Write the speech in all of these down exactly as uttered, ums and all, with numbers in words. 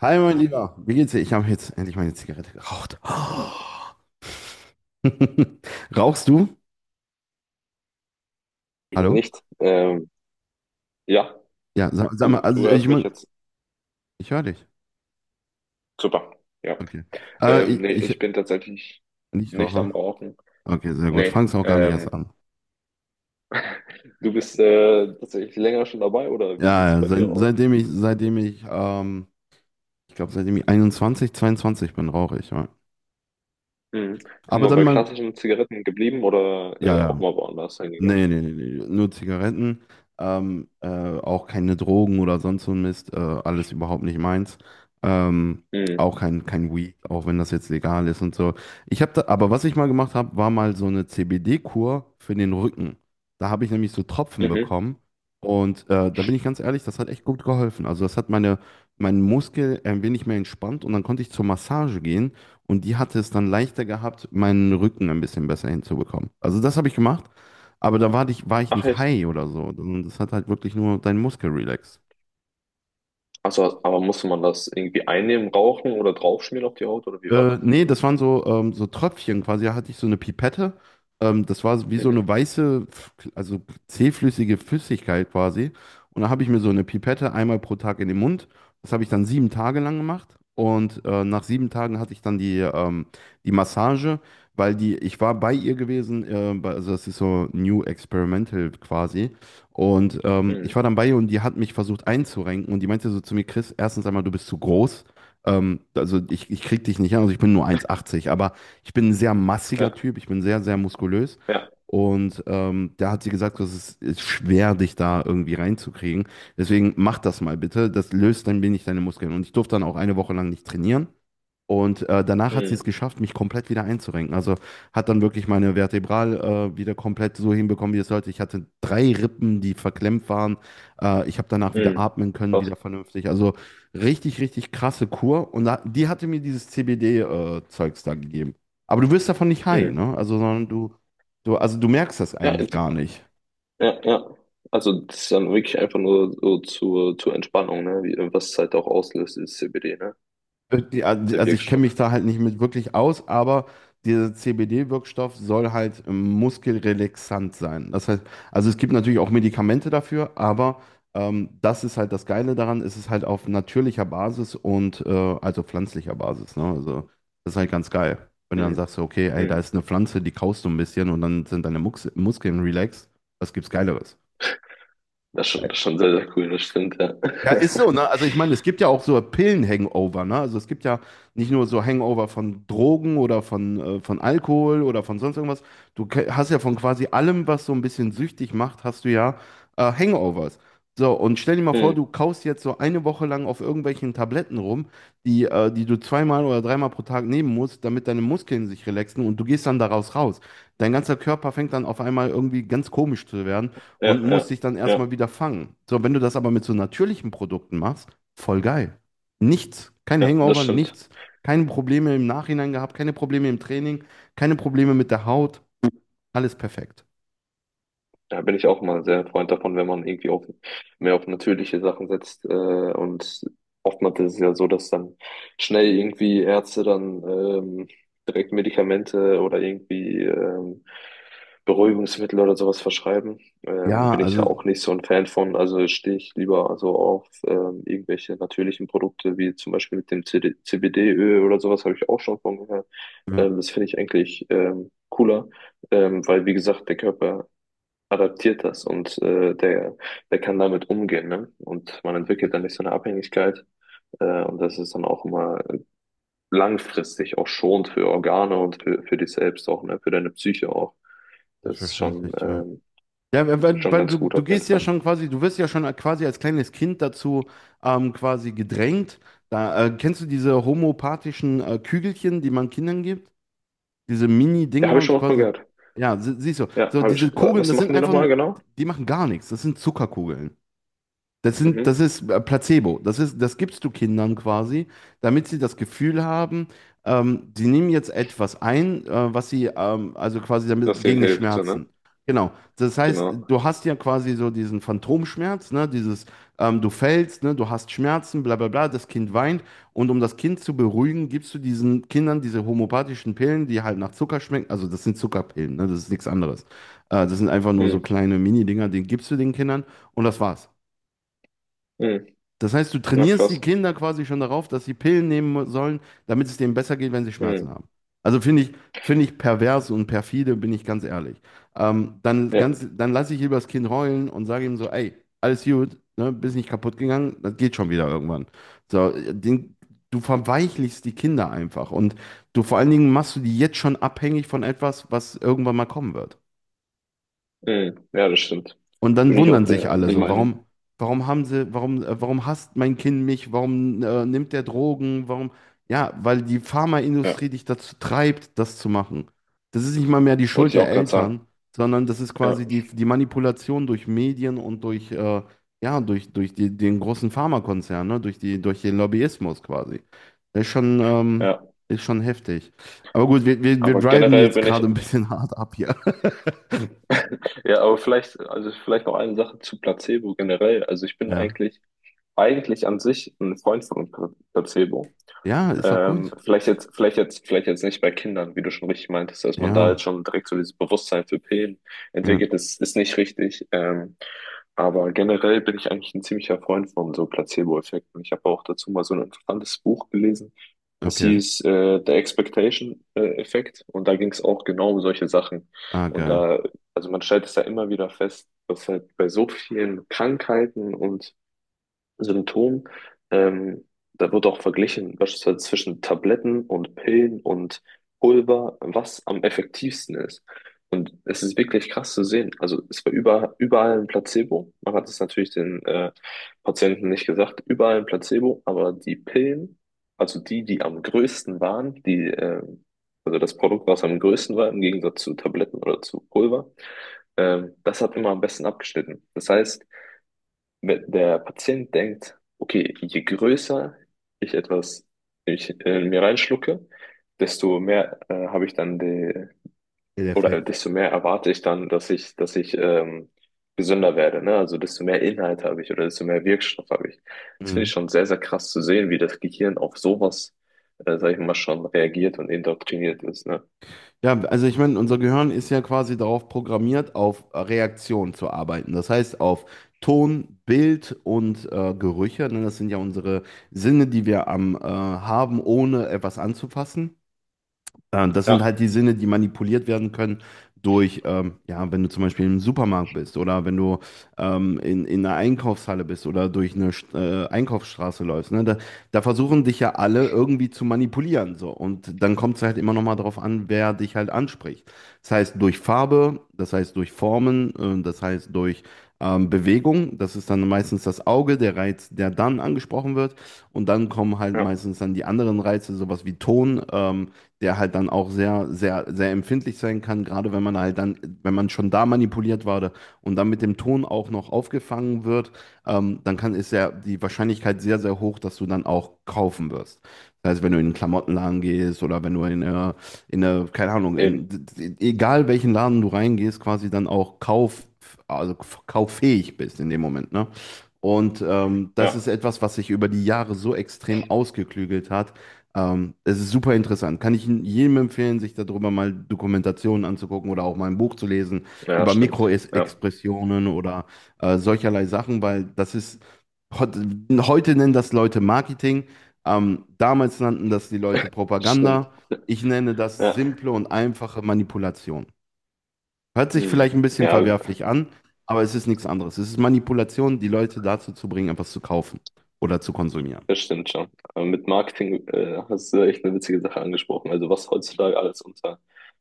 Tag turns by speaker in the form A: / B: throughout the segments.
A: Hi, mein Lieber. Wie geht's dir? Ich habe jetzt endlich meine Zigarette geraucht. Rauchst du? Hallo?
B: Nicht. Ähm, ja,
A: Ja, sag, sag mal,
B: du, du
A: also äh,
B: hörst
A: ich
B: mich
A: mein,
B: jetzt.
A: ich höre dich.
B: Super. Ja.
A: Okay. Äh,
B: Ähm,
A: ich,
B: nee,
A: ich,
B: ich bin tatsächlich
A: nicht
B: nicht am
A: Raucher.
B: Rauchen.
A: Okay, sehr gut.
B: Nee.
A: Fang's auch gar nicht erst
B: Ähm,
A: an.
B: du bist äh, tatsächlich länger schon dabei oder wie sieht
A: Ja,
B: es
A: ja,
B: bei
A: seit,
B: dir aus?
A: seitdem ich, seitdem ich, ähm, ich glaube, seitdem ich einundzwanzig, zweiundzwanzig bin, rauche ich. Ja.
B: Mhm.
A: Aber
B: Immer
A: dann
B: bei
A: mal,
B: klassischen Zigaretten geblieben oder
A: ja,
B: äh, auch
A: ja.
B: mal woanders hingegangen?
A: Nee, nee, nee, nee, nur Zigaretten, ähm, äh, auch keine Drogen oder sonst so ein Mist, äh, alles überhaupt nicht meins. Ähm,
B: Mhm.
A: auch kein, kein Weed, auch wenn das jetzt legal ist und so. Ich habe da, aber was ich mal gemacht habe, war mal so eine C B D-Kur für den Rücken. Da habe ich nämlich so Tropfen
B: Mhm.
A: bekommen und äh, da bin ich ganz ehrlich, das hat echt gut geholfen. Also das hat meine, meinen Muskel ein wenig mehr entspannt und dann konnte ich zur Massage gehen und die hatte es dann leichter gehabt, meinen Rücken ein bisschen besser hinzubekommen. Also das habe ich gemacht. Aber da war ich, war ich
B: Ach
A: nicht
B: echt?
A: high oder so. Das hat halt wirklich nur deinen Muskel relaxt.
B: Also, aber musste man das irgendwie einnehmen, rauchen oder draufschmieren auf die Haut oder wie war
A: Äh,
B: das?
A: nee, das waren so, ähm, so Tröpfchen quasi. Da hatte ich so eine Pipette. Ähm, das war so- wie so
B: Mhm.
A: eine weiße, f- also zähflüssige Flüssigkeit quasi. Und da habe ich mir so eine Pipette einmal pro Tag in den Mund. Das habe ich dann sieben Tage lang gemacht. Und äh, nach sieben Tagen hatte ich dann die, ähm, die Massage, weil die, ich war bei ihr gewesen, äh, bei, also das ist so New Experimental quasi. Und ähm, ich war
B: Mhm.
A: dann bei ihr und die hat mich versucht einzurenken und die meinte so zu mir, Chris, erstens einmal, du bist zu groß. Ähm, also ich, ich krieg dich nicht an, also ich bin nur eins achtzig, aber ich bin ein sehr massiger
B: Ja,
A: Typ, ich bin sehr, sehr muskulös.
B: ja.
A: Und ähm, da hat sie gesagt, das ist, ist schwer, dich da irgendwie reinzukriegen. Deswegen mach das mal bitte. Das löst ein wenig deine Muskeln. Und ich durfte dann auch eine Woche lang nicht trainieren. Und äh, danach hat sie es
B: Mhm.
A: geschafft, mich komplett wieder einzurenken. Also hat dann wirklich meine Vertebral äh, wieder komplett so hinbekommen, wie es sollte. Ich hatte drei Rippen, die verklemmt waren. Äh, ich habe danach wieder
B: Mhm.
A: atmen können,
B: Krass.
A: wieder vernünftig. Also richtig, richtig krasse Kur. Und da, die hatte mir dieses C B D-Zeugs da gegeben. Aber du wirst davon nicht high, ne?
B: Mhm.
A: Also, sondern du, du, also du merkst das
B: Ja,
A: eigentlich gar nicht.
B: ja, ja. Also das ist dann wirklich einfach nur so zur, zur Entspannung, ne? Wie, was es halt auch auslöst, ist C B D, ne?
A: Die-
B: Der
A: Also ich kenne
B: Wirkstoff.
A: mich da halt nicht mit wirklich aus, aber dieser C B D-Wirkstoff soll halt ähm, muskelrelaxant sein. Das heißt, also es gibt natürlich auch Medikamente dafür, aber ähm, das ist halt das Geile daran, es ist halt auf natürlicher Basis und äh, also pflanzlicher Basis. Ne? Also das ist halt ganz geil. Wenn du dann
B: Mhm.
A: sagst, okay, ey, da
B: Mhm.
A: ist eine Pflanze, die kaust du ein bisschen und dann sind deine Mux Muskeln relaxed, was gibt's Geileres?
B: Das ist schon, das ist schon sehr, sehr cool, das stimmt, ja.
A: Ja, ist so, ne? Also ich meine, es gibt ja auch so Pillen-Hangover, ne? Also es gibt ja nicht nur so Hangover von Drogen oder von, äh, von Alkohol oder von sonst irgendwas. Du ke- hast ja von quasi allem, was so ein bisschen süchtig macht, hast du ja äh, Hangovers. So, und stell dir mal vor, du
B: Mhm.
A: kaust jetzt so eine Woche lang auf irgendwelchen Tabletten rum, die, äh, die du zweimal oder dreimal pro Tag nehmen musst, damit deine Muskeln sich relaxen und du gehst dann daraus raus. Dein ganzer Körper fängt dann auf einmal irgendwie ganz komisch zu werden
B: Ja,
A: und muss
B: ja,
A: sich dann
B: ja,
A: erstmal wieder fangen. So, wenn du das aber mit so natürlichen Produkten machst, voll geil. Nichts, kein
B: ja, das
A: Hangover,
B: stimmt.
A: nichts, keine Probleme im Nachhinein gehabt, keine Probleme im Training, keine Probleme mit der Haut, alles perfekt.
B: Da bin ich auch mal sehr Freund davon, wenn man irgendwie auf, mehr auf natürliche Sachen setzt. Äh, und oftmals ist es ja so, dass dann schnell irgendwie Ärzte dann ähm, direkt Medikamente oder irgendwie ähm, Beruhigungsmittel oder sowas verschreiben. Ähm,
A: Ja,
B: bin ich ja
A: also,
B: auch nicht so ein Fan von. Also stehe ich lieber so auf ähm, irgendwelche natürlichen Produkte, wie zum Beispiel mit dem C D C B D-Öl oder sowas, habe ich auch schon von gehört.
A: ja,
B: Ähm, das finde ich eigentlich ähm, cooler. Ähm, weil, wie gesagt, der Körper adaptiert das und äh, der, der kann damit umgehen, ne? Und man entwickelt dann nicht so eine Abhängigkeit. Äh, und das ist dann auch immer langfristig auch schonend für Organe und für, für dich selbst auch, ne? Für deine Psyche auch. Das ist schon,
A: selbstverständlich, ja.
B: ähm,
A: Ja, weil,
B: schon
A: weil
B: ganz
A: du,
B: gut
A: du
B: auf jeden
A: gehst ja
B: Fall.
A: schon quasi, du wirst ja schon quasi als kleines Kind dazu ähm, quasi gedrängt. Da, äh, kennst du diese homöopathischen äh, Kügelchen, die man Kindern gibt? Diese
B: Ja, habe ich
A: Mini-Dinger
B: schon mal von
A: quasi.
B: gehört.
A: Ja, sie- siehst du.
B: Ja,
A: So,
B: habe
A: diese
B: ich. wa-
A: Kugeln,
B: Was
A: das sind
B: machen die
A: einfach
B: nochmal
A: nur,
B: genau?
A: die machen gar nichts. Das sind Zuckerkugeln. Das sind, das
B: Mhm.
A: ist äh, Placebo. Das ist, das gibst du Kindern quasi, damit sie das Gefühl haben, ähm, sie nehmen jetzt etwas ein, äh, was sie, ähm, also quasi
B: Dass
A: damit
B: denen
A: gegen die
B: hilft, so,
A: Schmerzen.
B: ne?
A: Genau. Das heißt,
B: Genau.
A: du hast ja quasi so diesen Phantomschmerz, ne? Dieses, ähm, du fällst, ne? Du hast Schmerzen, bla bla bla. Das Kind weint und um das Kind zu beruhigen, gibst du diesen Kindern diese homöopathischen Pillen, die halt nach Zucker schmecken. Also das sind Zuckerpillen, ne? Das ist nichts anderes. Äh, das sind einfach nur so
B: Mhm.
A: kleine Mini-Dinger, die gibst du den Kindern und das war's.
B: Mhm.
A: Das heißt, du
B: Ja,
A: trainierst die
B: krass.
A: Kinder quasi schon darauf, dass sie Pillen nehmen sollen, damit es denen besser geht, wenn sie Schmerzen
B: Mhm.
A: haben. Also finde ich, finde ich pervers und perfide, bin ich ganz ehrlich. Ähm, dann
B: Ja.
A: ganz, dann lasse ich lieber das Kind heulen und sage ihm so, ey, alles gut, ne, bist nicht kaputt gegangen, das geht schon wieder irgendwann. So, den, du verweichlichst die Kinder einfach und du vor allen Dingen machst du die jetzt schon abhängig von etwas, was irgendwann mal kommen wird.
B: Mhm. Ja, das stimmt.
A: Und dann
B: Bin ich auch
A: wundern sich
B: der,
A: alle
B: der
A: so,
B: Meinung.
A: warum, warum haben sie, warum, äh, warum hasst mein Kind mich, warum äh, nimmt der Drogen, warum, ja, weil die Pharmaindustrie
B: Ja,
A: dich dazu treibt, das zu machen. Das ist nicht mal mehr die
B: wollte
A: Schuld
B: ich
A: der
B: auch gerade sagen.
A: Eltern, sondern das ist
B: Ja.
A: quasi die, die Manipulation durch Medien und durch, äh, ja, durch, durch die, den großen Pharmakonzern, ne? Durch die, durch den Lobbyismus quasi. Das ist schon, ähm,
B: Ja,
A: ist schon heftig. Aber gut, wir, wir, wir
B: aber
A: driven
B: generell
A: jetzt
B: bin ich
A: gerade ein bisschen hart ab hier.
B: Ja, aber vielleicht, also vielleicht noch eine Sache zu Placebo generell. Also ich bin
A: Ja.
B: eigentlich, eigentlich an sich ein Freund von Pla- Placebo.
A: Ja, ist auch
B: Ähm,
A: gut.
B: vielleicht jetzt, vielleicht jetzt, vielleicht jetzt nicht bei Kindern, wie du schon richtig meintest, dass man da
A: Ja.
B: jetzt schon direkt so dieses Bewusstsein für Pillen
A: Ja.
B: entwickelt, das ist nicht richtig. Ähm, aber generell bin ich eigentlich ein ziemlicher Freund von so Placebo-Effekten. Ich habe auch dazu mal so ein interessantes Buch gelesen. Das
A: Okay.
B: hieß äh, der Expectation-Effekt und da ging es auch genau um solche Sachen.
A: Ah,
B: Und
A: geil.
B: da, also man stellt es da immer wieder fest, dass halt bei so vielen Krankheiten und Symptom. Ähm, da wird auch verglichen, beispielsweise zwischen Tabletten und Pillen und Pulver, was am effektivsten ist. Und es ist wirklich krass zu sehen. Also es war über, überall ein Placebo. Man hat es natürlich den äh, Patienten nicht gesagt, überall ein Placebo, aber die Pillen, also die, die am größten waren, die, äh, also das Produkt, was am größten war, im Gegensatz zu Tabletten oder zu Pulver, ähm, das hat immer am besten abgeschnitten. Das heißt, wenn der Patient denkt, okay, je größer ich etwas ich, äh, mir reinschlucke, desto mehr äh, habe ich dann die,
A: Der
B: oder äh,
A: Effekt.
B: desto mehr erwarte ich dann, dass ich, dass ich ähm, gesünder werde, ne? Also desto mehr Inhalt habe ich oder desto mehr Wirkstoff habe ich. Das finde ich
A: Mhm.
B: schon sehr, sehr krass zu sehen, wie das Gehirn auf sowas, äh, sag ich mal, schon reagiert und indoktriniert ist, ne?
A: Ja, also ich meine, unser Gehirn ist ja quasi darauf programmiert, auf Reaktion zu arbeiten. Das heißt, auf Ton, Bild und äh, Gerüche. Ne? Das sind ja unsere Sinne, die wir am äh, haben, ohne etwas anzufassen. Ja, das sind
B: Ja,
A: halt die Sinne, die manipuliert werden können durch, ähm, ja, wenn du zum Beispiel im Supermarkt bist oder wenn du ähm, in, in einer Einkaufshalle bist oder durch eine St- äh, Einkaufsstraße läufst. Ne? Da, da versuchen dich ja alle irgendwie zu manipulieren. So. Und dann kommt es halt immer noch mal darauf an, wer dich halt anspricht. Das heißt durch Farbe, das heißt durch Formen, äh, das heißt durch ähm, Bewegung. Das ist dann meistens das Auge, der Reiz, der dann angesprochen wird. Und dann kommen halt
B: ja,
A: meistens dann die anderen Reize, sowas wie Ton. Ähm, der halt dann auch sehr, sehr, sehr empfindlich sein kann, gerade wenn man halt dann, wenn man schon da manipuliert wurde und dann mit dem Ton auch noch aufgefangen wird, ähm, dann kann, ist ja die Wahrscheinlichkeit sehr, sehr hoch, dass du dann auch kaufen wirst. Das heißt, wenn du in einen Klamottenladen gehst oder wenn du in eine, in eine, keine Ahnung, in,
B: eben.
A: egal welchen Laden du reingehst, quasi dann auch kauf, also kauffähig bist in dem Moment, ne? Und ähm, das
B: Ja,
A: ist etwas, was sich über die Jahre so extrem ausgeklügelt hat, ähm, es ist super interessant. Kann ich jedem empfehlen, sich darüber mal Dokumentationen anzugucken oder auch mal ein Buch zu lesen
B: ja,
A: über
B: stimmt. Ja,
A: Mikroexpressionen oder äh, solcherlei Sachen, weil das ist, heut- heute nennen das Leute Marketing, ähm, damals nannten das die Leute
B: stimmt.
A: Propaganda. Ich nenne das
B: Ja.
A: simple und einfache Manipulation. Hört sich vielleicht
B: Hm.
A: ein bisschen
B: Ja,
A: verwerflich an, aber es ist nichts anderes. Es ist Manipulation, die Leute dazu zu bringen, etwas zu kaufen oder zu konsumieren.
B: das stimmt schon. Aber mit Marketing äh, hast du echt eine witzige Sache angesprochen. Also was heutzutage alles unter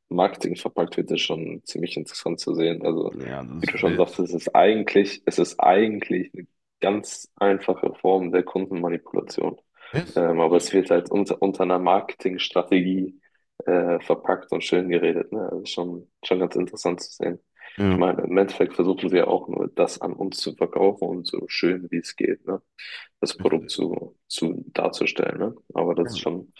B: Marketing verpackt wird, ist schon ziemlich interessant zu sehen. Also
A: Ja,
B: wie
A: das
B: du
A: ist
B: schon sagst,
A: wild.
B: es ist eigentlich, es ist eigentlich eine ganz einfache Form der Kundenmanipulation.
A: Yes.
B: Ähm, aber es wird halt unter, unter einer Marketingstrategie äh, verpackt und schön geredet. Ne? Also schon, schon ganz interessant zu sehen. Ich
A: Ja.
B: meine, im Endeffekt versuchen sie ja auch nur das an uns zu verkaufen und so schön wie es geht. Ne? Das Produkt
A: Richtig.
B: zu, zu darzustellen. Ne? Aber
A: Ja.
B: das ist schon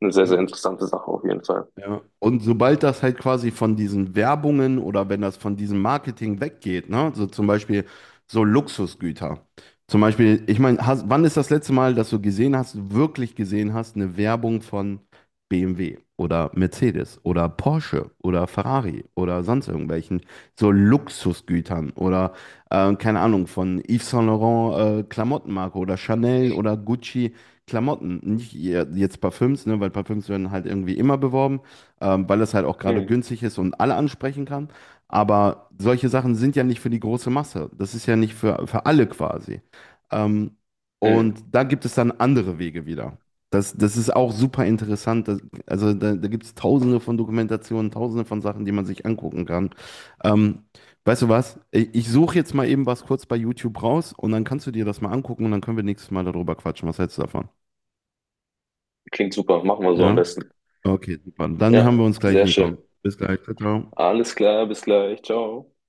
B: eine sehr, sehr
A: So.
B: interessante Sache auf jeden Fall.
A: Ja. Und sobald das halt quasi von diesen Werbungen oder wenn das von diesem Marketing weggeht, ne, so zum Beispiel so Luxusgüter. Zum Beispiel, ich meine, hast- wann ist das letzte Mal, dass du gesehen hast, wirklich gesehen hast, eine Werbung von B M W oder Mercedes oder Porsche oder Ferrari oder sonst irgendwelchen so Luxusgütern oder äh, keine Ahnung, von Yves Saint Laurent äh, Klamottenmarke oder Chanel oder Gucci Klamotten. Nicht ihr- jetzt Parfüms, ne, weil Parfüms werden halt irgendwie immer beworben ähm, weil es halt auch gerade
B: Mhm.
A: günstig ist und alle ansprechen kann. Aber solche Sachen sind ja nicht für die große Masse. Das ist ja nicht für, für alle quasi. Ähm,
B: Mhm.
A: und da gibt es dann andere Wege wieder. Das, das ist auch super interessant. Das, also da, da gibt es tausende von Dokumentationen, tausende von Sachen, die man sich angucken kann. Ähm, weißt du was? Ich, ich suche jetzt mal eben was kurz bei YouTube raus und dann kannst du dir das mal angucken und dann können wir nächstes Mal darüber quatschen. Was hältst du davon?
B: Klingt super, machen wir so am
A: Ja?
B: besten.
A: Okay, super. Dann haben wir
B: Ja,
A: uns gleich,
B: sehr
A: Nico.
B: schön.
A: Bis gleich. Ciao, ciao.
B: Alles klar, bis gleich. Ciao.